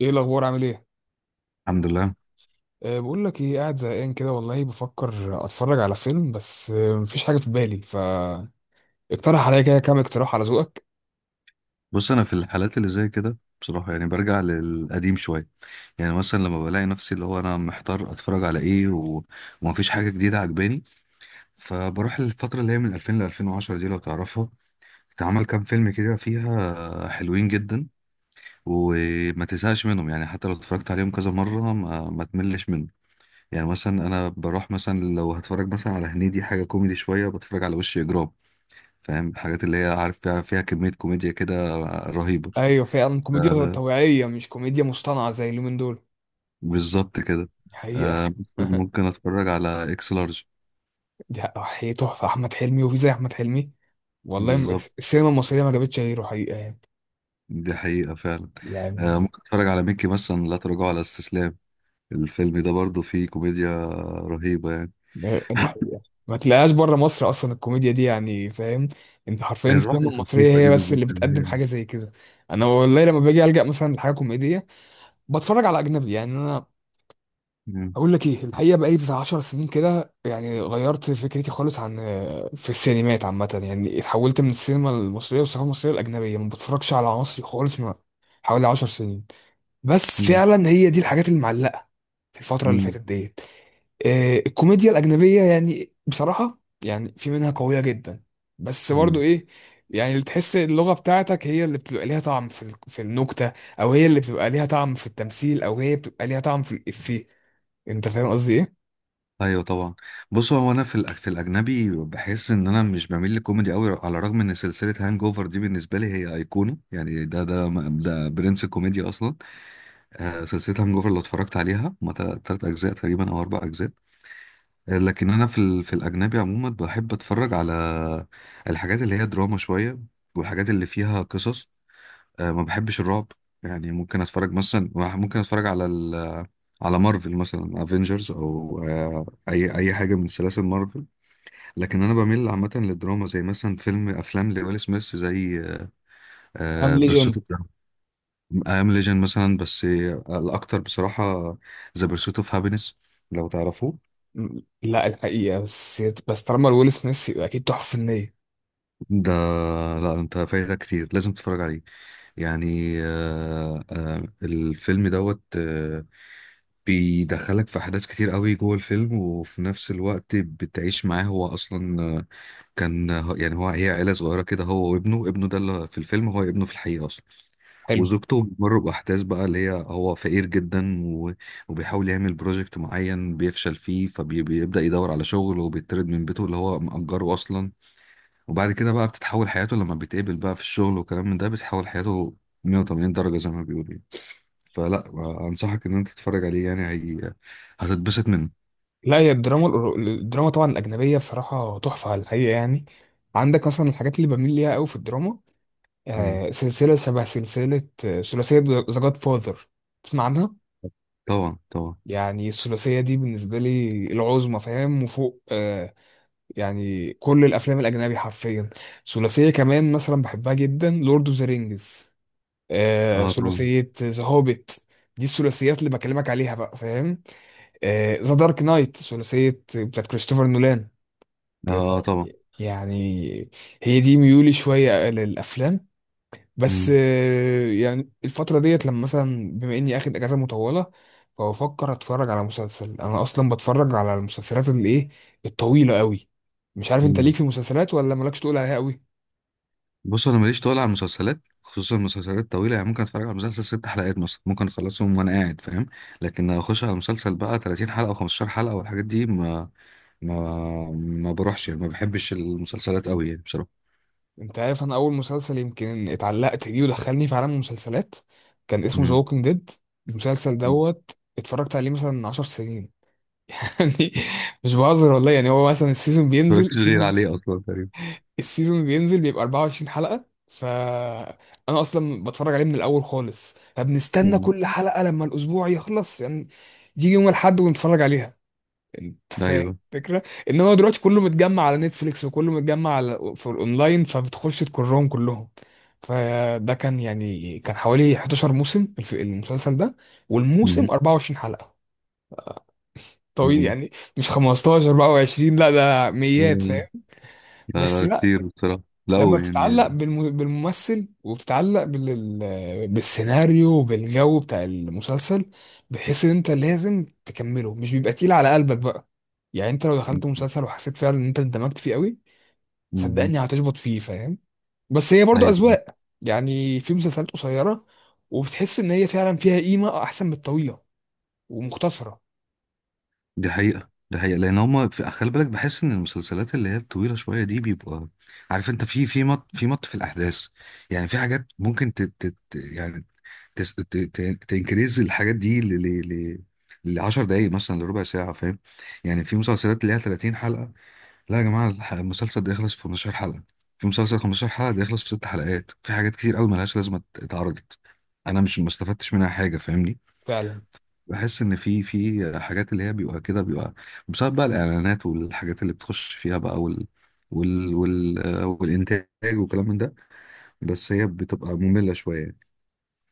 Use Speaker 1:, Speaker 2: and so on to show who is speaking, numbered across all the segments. Speaker 1: ايه الاخبار؟ عامل ايه؟
Speaker 2: الحمد لله.
Speaker 1: أه بقول لك ايه، قاعد زهقان كده والله، بفكر اتفرج على فيلم، بس أه مفيش حاجه في بالي، فاقترح عليا كده كام اقتراح على ذوقك.
Speaker 2: بص، انا في الحالات اللي زي كده بصراحه يعني برجع للقديم شويه. يعني مثلا لما بلاقي نفسي، اللي هو انا محتار اتفرج على ايه. ومفيش حاجه جديده عجباني، فبروح للفتره اللي هي من 2000 ل 2010، دي لو تعرفها. اتعمل كام فيلم كده فيها حلوين جدا، وما تزهقش منهم، يعني حتى لو اتفرجت عليهم كذا مره، ما تملش منهم. يعني مثلا انا بروح مثلا، لو هتفرج مثلا على هنيدي حاجه كوميدي شويه، بتفرج على وش اجرام. فاهم، الحاجات اللي هي عارف فيها كميه كوميديا كده رهيبه.
Speaker 1: ايوه فعلا، كوميديا
Speaker 2: آه،
Speaker 1: طبيعيه مش كوميديا مصطنعه زي اليومين دول.
Speaker 2: بالظبط كده.
Speaker 1: حقيقه.
Speaker 2: آه، ممكن اتفرج على اكس لارج.
Speaker 1: دي حقيقة تحفه، احمد حلمي وفي زي احمد حلمي؟ والله
Speaker 2: بالظبط.
Speaker 1: السينما المصريه ما جابتش غيره حقيقه يعني.
Speaker 2: دي حقيقة فعلا.
Speaker 1: يعني
Speaker 2: آه، ممكن اتفرج على ميكي مثلا لا تراجع على استسلام. الفيلم ده برضو فيه كوميديا رهيبة يعني.
Speaker 1: دي حقيقه، ما تلاقيهاش بره مصر اصلا الكوميديا دي، يعني فاهم؟ انت حرفيا
Speaker 2: الروح
Speaker 1: السينما المصريه
Speaker 2: الخفيفة
Speaker 1: هي
Speaker 2: دي
Speaker 1: بس
Speaker 2: بالظبط
Speaker 1: اللي
Speaker 2: اللي
Speaker 1: بتقدم
Speaker 2: هي.
Speaker 1: حاجه زي كده. انا والله لما باجي الجا مثلا لحاجه كوميديه بتفرج على اجنبي، يعني انا
Speaker 2: مم.
Speaker 1: اقول لك ايه الحقيقه، بقالي بتاع 10 سنين كده، يعني غيرت فكرتي خالص عن في السينمات عامه. يعني اتحولت من السينما المصريه والثقافه المصريه الاجنبيه، ما بتفرجش على مصري خالص من حوالي 10 سنين. بس
Speaker 2: مم.
Speaker 1: فعلا هي دي الحاجات اللي معلقه في الفترة اللي
Speaker 2: مم.
Speaker 1: فاتت ديت. الكوميديا الأجنبية يعني بصراحة، يعني في منها قوية جدا، بس
Speaker 2: مم.
Speaker 1: برضه إيه؟ يعني اللي تحس اللغة بتاعتك هي اللي بتبقى ليها طعم في في النكتة، أو هي اللي بتبقى ليها طعم في التمثيل، أو هي بتبقى ليها طعم في الإفيه. أنت فاهم قصدي إيه؟
Speaker 2: ايوه، طبعا. بصوا، هو انا في الاجنبي بحس ان انا مش بميل للكوميدي قوي، على الرغم ان سلسله هانج اوفر دي بالنسبه لي هي ايقونه، يعني ده برنس الكوميديا اصلا. آه، سلسلة هانج اوفر لو اتفرجت عليها، هما تلات أجزاء تقريبا أو أربع أجزاء. آه، لكن أنا في الأجنبي عموما بحب أتفرج على الحاجات اللي هي دراما شوية، والحاجات اللي فيها قصص. آه، ما بحبش الرعب. يعني ممكن أتفرج مثلا، ممكن أتفرج على مارفل مثلا، افنجرز او آه، اي اي حاجه من سلاسل مارفل. لكن انا بميل عامه للدراما، زي مثلا افلام لويل سميث، زي
Speaker 1: أم
Speaker 2: بيرسوت،
Speaker 1: ليجند.
Speaker 2: I am Legend مثلا. بس الأكتر بصراحة The Pursuit of Happiness، لو تعرفوه.
Speaker 1: لا الحقيقة، بس طالما ويل سميث يبقى أكيد تحفة فنية.
Speaker 2: ده، لا أنت فايتك كتير، لازم تتفرج عليه. يعني الفيلم دوت. بيدخلك في أحداث كتير قوي جوه الفيلم، وفي نفس الوقت بتعيش معاه هو أصلا. كان يعني هو، هي عيلة صغيرة كده، هو وابنه، ابنه ده اللي في الفيلم هو ابنه في الحقيقة أصلا.
Speaker 1: حلو.
Speaker 2: وزوجته بتمر بأحداث بقى، اللي هي هو فقير جدا. وبيحاول يعمل بروجكت معين بيفشل فيه، فبيبدأ يدور على شغل وبيطرد من بيته اللي هو مأجره أصلا. وبعد كده بقى بتتحول حياته، لما بيتقابل بقى في الشغل وكلام من ده بتتحول حياته 180 درجة زي ما بيقولوا يعني. فلا، أنصحك إن أنت تتفرج عليه، يعني هي هتتبسط منه.
Speaker 1: لا هي الدراما، الدراما طبعا الأجنبية بصراحة تحفة على الحقيقة يعني. عندك مثلا الحاجات اللي بميل ليها قوي في الدراما.
Speaker 2: مم.
Speaker 1: سلسلة شبه سلسلة، ثلاثية ذا جاد فاذر. تسمع عنها؟
Speaker 2: طبعا، طبعا.
Speaker 1: يعني الثلاثية دي بالنسبة لي العظمى فاهم، وفوق آه، يعني كل الأفلام الأجنبي حرفيا. ثلاثية كمان مثلا بحبها جدا، لورد اوف ذا رينجز، آه
Speaker 2: اه طبعا،
Speaker 1: ثلاثية ذا هوبيت. دي الثلاثيات اللي بكلمك عليها بقى فاهم. ذا دارك نايت ثلاثية بتاعت كريستوفر نولان
Speaker 2: اه طبعا.
Speaker 1: يعني. هي دي ميولي شوية للأفلام. بس
Speaker 2: مم.
Speaker 1: يعني الفترة ديت لما مثلا بما اني اخد اجازة مطولة، فبفكر اتفرج على مسلسل. انا اصلا بتفرج على المسلسلات اللي ايه؟ الطويلة قوي. مش عارف انت ليك
Speaker 2: مم.
Speaker 1: في مسلسلات ولا مالكش تقول عليها قوي؟
Speaker 2: بص، انا ماليش طول على المسلسلات، خصوصا المسلسلات الطويله، يعني ممكن اتفرج على مسلسل ست حلقات مثلا، ممكن اخلصهم وانا قاعد فاهم. لكن اخش على مسلسل بقى 30 حلقه او 15 حلقه والحاجات دي ما ما بروحش، يعني ما بحبش المسلسلات قوي يعني بصراحه.
Speaker 1: انت عارف انا اول مسلسل يمكن اتعلقت بيه ودخلني في عالم المسلسلات، كان اسمه ذا
Speaker 2: امم.
Speaker 1: ووكينج ديد. المسلسل
Speaker 2: ما
Speaker 1: دوت اتفرجت عليه مثلا 10 سنين. يعني مش بهزر والله يعني. هو مثلا السيزون بينزل،
Speaker 2: بتفرجش غير
Speaker 1: السيزون
Speaker 2: عليه اصلا تقريبا.
Speaker 1: السيزون بينزل بيبقى 24 حلقة، فأنا أصلا بتفرج عليه من الأول خالص، فبنستنى
Speaker 2: مم.
Speaker 1: كل حلقة لما الأسبوع يخلص يعني. يجي يوم الأحد ونتفرج عليها. أنت فاهم
Speaker 2: ايوه.
Speaker 1: الفكرة؟ إنما هو دلوقتي كله متجمع على نتفليكس وكله متجمع على في الأونلاين، فبتخش تكرهم كلهم. فده كان يعني كان حوالي 11 موسم، المسلسل ده،
Speaker 2: مم.
Speaker 1: والموسم 24 حلقة. طويل
Speaker 2: مم.
Speaker 1: يعني. مش 15، 24، لا ده ميات فاهم.
Speaker 2: لا،
Speaker 1: بس
Speaker 2: لا كتير بصراحه، لا
Speaker 1: لما
Speaker 2: هو
Speaker 1: بتتعلق
Speaker 2: يعني.
Speaker 1: بالممثل، وبتتعلق بالسيناريو وبالجو بتاع المسلسل، بحيث ان انت لازم تكمله، مش بيبقى تقيل على قلبك بقى. يعني انت لو دخلت
Speaker 2: مم.
Speaker 1: مسلسل وحسيت فعلا ان انت اندمجت فيه قوي،
Speaker 2: مم.
Speaker 1: صدقني هتشبط فيه فاهم. بس هي برضو
Speaker 2: ايوه.
Speaker 1: اذواق، يعني في مسلسلات قصيرة وبتحس ان هي فعلا فيها قيمة احسن من الطويلة ومختصرة
Speaker 2: دي حقيقة، دي حقيقة، لأن هما في، خلي بالك، بحس إن المسلسلات اللي هي الطويلة شوية دي بيبقى، عارف أنت، في مط في الأحداث. يعني في حاجات ممكن يعني تس... ت... ت... تنكريز الحاجات دي ل... لعشر دقايق مثلا، لربع ساعة، فاهم؟ يعني في مسلسلات اللي هي 30 حلقة، لا يا جماعة، المسلسل ده يخلص في 15 حلقة، في مسلسل 15 حلقة ده يخلص في ست حلقات، في حاجات كتير قوي ملهاش لازمة اتعرضت. أنا مش، ما استفدتش منها حاجة، فاهمني؟
Speaker 1: فعلا.
Speaker 2: بحس ان في حاجات اللي هي بيبقى كده، بيبقى بسبب بقى الاعلانات والحاجات اللي بتخش فيها بقى، والانتاج وكلام من ده، بس هي بتبقى مملة شوية يعني.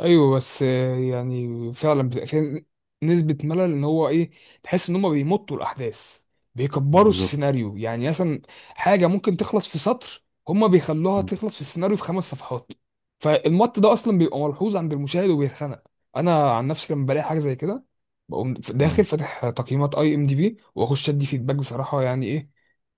Speaker 1: ايوه بس يعني فعلا بتبقى فيها نسبه ملل، ان هو ايه، تحس ان هم بيمطوا الاحداث، بيكبروا
Speaker 2: بالظبط.
Speaker 1: السيناريو. يعني مثلا حاجه ممكن تخلص في سطر هم بيخلوها
Speaker 2: مم.
Speaker 1: تخلص في السيناريو في خمس صفحات. فالمط ده اصلا بيبقى ملحوظ عند المشاهد وبيتخنق. انا عن نفسي لما بلاقي حاجه زي كده بقوم داخل فاتح تقييمات اي ام دي بي واخش ادي فيدباك بصراحه. يعني ايه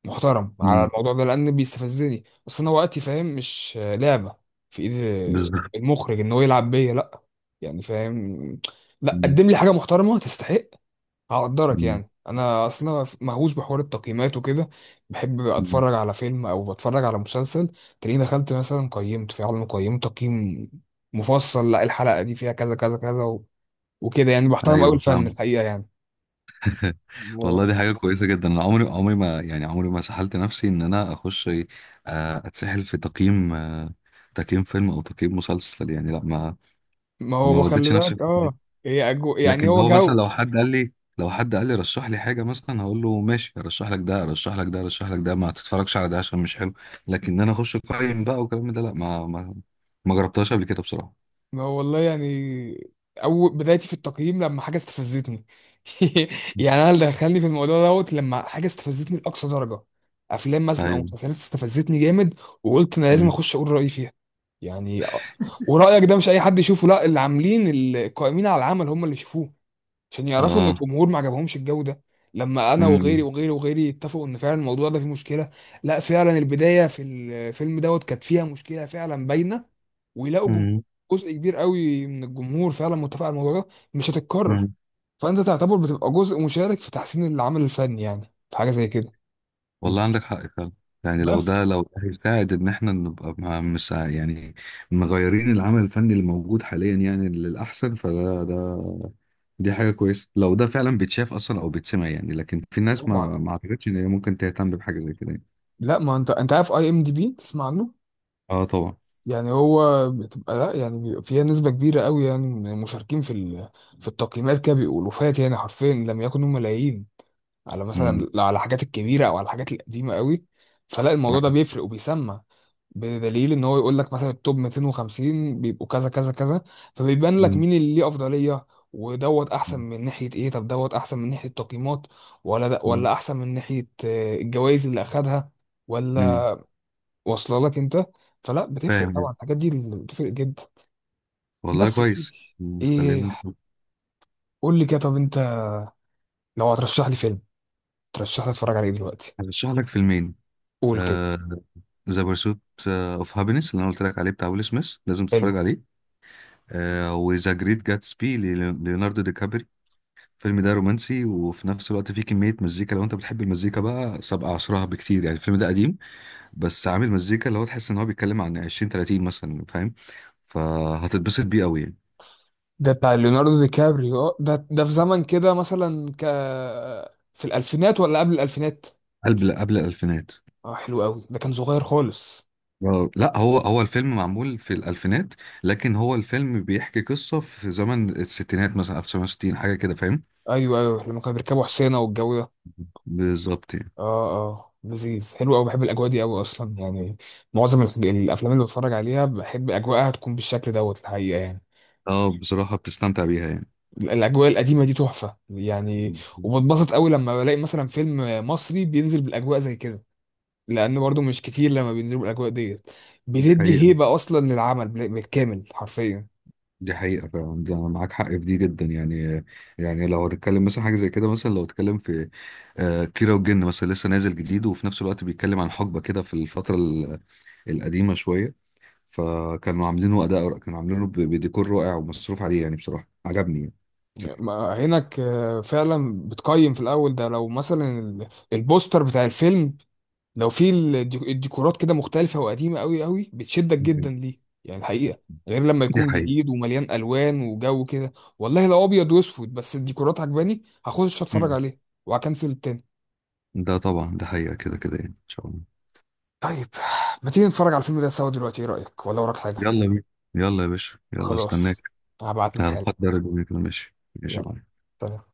Speaker 1: محترم على
Speaker 2: مم.
Speaker 1: الموضوع ده لان بيستفزني، بس انا وقتي فاهم مش لعبه في ايدي
Speaker 2: بالظبط.
Speaker 1: المخرج ان هو يلعب بيا، لا يعني فاهم. لا
Speaker 2: مم.
Speaker 1: قدم لي حاجه محترمه تستحق هقدرك
Speaker 2: مم.
Speaker 1: يعني. انا اصلا مهووس بحوار التقييمات وكده، بحب
Speaker 2: مم.
Speaker 1: اتفرج على فيلم او بتفرج على مسلسل، تلاقيني دخلت مثلا قيمت في عالم، قيمت تقييم مفصل. لا الحلقه دي فيها كذا كذا كذا وكده. يعني بحترم قوي
Speaker 2: ايوه،
Speaker 1: الفن
Speaker 2: فاهم.
Speaker 1: الحقيقه يعني.
Speaker 2: والله،
Speaker 1: و-
Speaker 2: دي حاجة كويسة جدا. انا عمري عمري ما يعني عمري ما سحلت نفسي ان انا اخش، اتسحل في تقييم، تقييم فيلم او تقييم مسلسل يعني، لا ما
Speaker 1: ما
Speaker 2: ما
Speaker 1: هو خلي
Speaker 2: وديتش نفسي.
Speaker 1: بالك اه. هي يعني
Speaker 2: لكن
Speaker 1: هو
Speaker 2: هو مثلا
Speaker 1: جو.
Speaker 2: لو حد قال لي رشح لي حاجه مثلا، هقول له ماشي، ارشح لك ده، ارشح لك ده، ارشح لك ده، ما تتفرجش على ده عشان مش حلو. لكن انا اخش اقيم بقى والكلام ده، لا، ما جربتهاش قبل كده بصراحه.
Speaker 1: ما هو والله يعني أول بدايتي في التقييم لما حاجة استفزتني. يعني أنا اللي دخلني في الموضوع دوت لما حاجة استفزتني لأقصى درجة. أفلام مثلا أو
Speaker 2: ايوه.
Speaker 1: مسلسلات استفزتني جامد، وقلت أنا لازم
Speaker 2: مم.
Speaker 1: أخش أقول رأيي فيها يعني. ورأيك ده مش أي حد يشوفه، لا اللي عاملين القائمين على العمل هم اللي يشوفوه، عشان يعرفوا ان
Speaker 2: اه.
Speaker 1: الجمهور ما عجبهمش الجو ده. لما انا وغيري
Speaker 2: مم.
Speaker 1: وغيري وغيري اتفقوا ان فعلا الموضوع ده فيه مشكله، لا فعلا البدايه في الفيلم دوت كانت فيها مشكله فعلا باينه. ويلاقوا
Speaker 2: مم.
Speaker 1: جزء كبير قوي من الجمهور فعلا متفق على الموضوع ده، مش هتتكرر.
Speaker 2: مم.
Speaker 1: فانت تعتبر بتبقى جزء مشارك في تحسين العمل الفني، يعني في حاجه زي كده.
Speaker 2: والله عندك حق فعلا. يعني لو ده
Speaker 1: بس
Speaker 2: لو ده هيساعد ان احنا نبقى يعني مغيرين العمل الفني اللي موجود حاليا يعني للاحسن، فده. دي حاجه كويسه لو ده فعلا بيتشاف اصلا او بيتسمع يعني، لكن في ناس
Speaker 1: طبعا.
Speaker 2: ما اعتقدش ان هي ممكن تهتم بحاجه زي كده يعني.
Speaker 1: لا ما انت عارف اي ام دي بي، تسمع عنه؟
Speaker 2: اه، طبعا.
Speaker 1: يعني هو بتبقى لا يعني بيبقى فيها نسبة كبيرة قوي يعني من المشاركين في في التقييمات كده بيقولوا، فات يعني حرفيا لم يكونوا ملايين، على مثلا
Speaker 2: امم.
Speaker 1: لا على الحاجات الكبيرة أو على الحاجات القديمة قوي. فلا الموضوع ده
Speaker 2: أيوة.
Speaker 1: بيفرق وبيسمع. بدليل ان هو يقول لك مثلا التوب 250 بيبقوا كذا كذا كذا، فبيبان لك
Speaker 2: أمم.
Speaker 1: مين اللي ليه افضليه، ودوت احسن
Speaker 2: أمم.
Speaker 1: من ناحيه ايه، طب دوت احسن من ناحيه تقييمات ولا ده، ولا احسن من ناحيه الجوائز اللي اخدها، ولا
Speaker 2: أمم.
Speaker 1: واصله لك انت. فلا بتفرق طبعا
Speaker 2: فاهم.
Speaker 1: الحاجات دي، اللي بتفرق جدا.
Speaker 2: والله
Speaker 1: بس يا
Speaker 2: كويس.
Speaker 1: سيدي.
Speaker 2: أمم. خلينا
Speaker 1: ايه،
Speaker 2: نشوف.
Speaker 1: قول لي كده. طب انت لو هترشح لي فيلم، ترشح لي اتفرج عليه دلوقتي؟
Speaker 2: هرشح لك فيلمين.
Speaker 1: قول كده.
Speaker 2: ذا بيرسوت اوف هابينس اللي انا قلت لك عليه بتاع ويل سميث، لازم
Speaker 1: حلو.
Speaker 2: تتفرج عليه. آه، وذا جريت جاتسبي، ليوناردو دي كابري. الفيلم ده رومانسي وفي نفس الوقت فيه كمية مزيكا، لو انت بتحب المزيكا بقى، سابقة عصرها بكتير، يعني الفيلم ده قديم بس عامل مزيكا اللي هو تحس ان هو بيتكلم عن 20 30 مثلا، فاهم؟ فهتتبسط بيه قوي يعني.
Speaker 1: ده بتاع ليوناردو دي كابريو؟ اه ده في زمن كده مثلا، ك في الالفينات ولا قبل الالفينات؟
Speaker 2: قبل الألفينات.
Speaker 1: اه حلو قوي، ده كان صغير خالص.
Speaker 2: آه، لا، هو الفيلم معمول في الألفينات، لكن هو الفيلم بيحكي قصة في زمن الستينات مثلا، 1960 حاجة كده، فاهم؟
Speaker 1: ايوه لما كانوا بيركبوا حسينه والجو ده.
Speaker 2: بالظبط يعني.
Speaker 1: اه اه لذيذ، حلو قوي، بحب الاجواء دي قوي اصلا يعني. معظم الافلام اللي بتفرج عليها بحب اجواءها تكون بالشكل دوت الحقيقه يعني.
Speaker 2: اه، بصراحة بتستمتع بيها يعني.
Speaker 1: الاجواء القديمه دي تحفه يعني. وبتبسط قوي لما بلاقي مثلا فيلم مصري بينزل بالاجواء زي كده، لان برضو مش كتير لما بينزلوا بالاجواء ديت،
Speaker 2: دي
Speaker 1: بتدي
Speaker 2: حقيقة،
Speaker 1: هيبه اصلا للعمل بالكامل حرفيا.
Speaker 2: دي حقيقة فعلا، ده أنا معاك حق في دي جدا يعني. يعني لو هتتكلم مثلا حاجة زي كده، مثلا لو اتكلم في كيرة والجن مثلا لسه نازل جديد، وفي نفس الوقت بيتكلم عن حقبة كده في الفترة القديمة شوية، فكانوا عاملينه أداء، كانوا عاملينه بديكور رائع ومصروف عليه، يعني بصراحة عجبني يعني.
Speaker 1: عينك فعلا بتقيم في الاول ده لو مثلا البوستر بتاع الفيلم، لو في الديكورات كده مختلفة وقديمة قوي قوي، بتشدك جدا
Speaker 2: مم.
Speaker 1: ليه يعني الحقيقة، غير لما
Speaker 2: دي
Speaker 1: يكون
Speaker 2: حقيقة.
Speaker 1: جديد ومليان ألوان وجو كده. والله لو أبيض وأسود بس الديكورات عجباني هخش أتفرج
Speaker 2: مم.
Speaker 1: عليه وهكنسل التاني.
Speaker 2: ده طبعا، ده حقيقة كده كده يعني، إن شاء الله.
Speaker 1: طيب ما تيجي نتفرج على الفيلم ده سوا دلوقتي، إيه رأيك؟ ولا وراك حاجة؟
Speaker 2: يلا يا بيه. يلا يا باشا، يلا استناك.
Speaker 1: خلاص هبعت لك حاجة.
Speaker 2: هحضر الدنيا كده، ماشي ماشي يا
Speaker 1: يلا،
Speaker 2: معلم.
Speaker 1: سلام.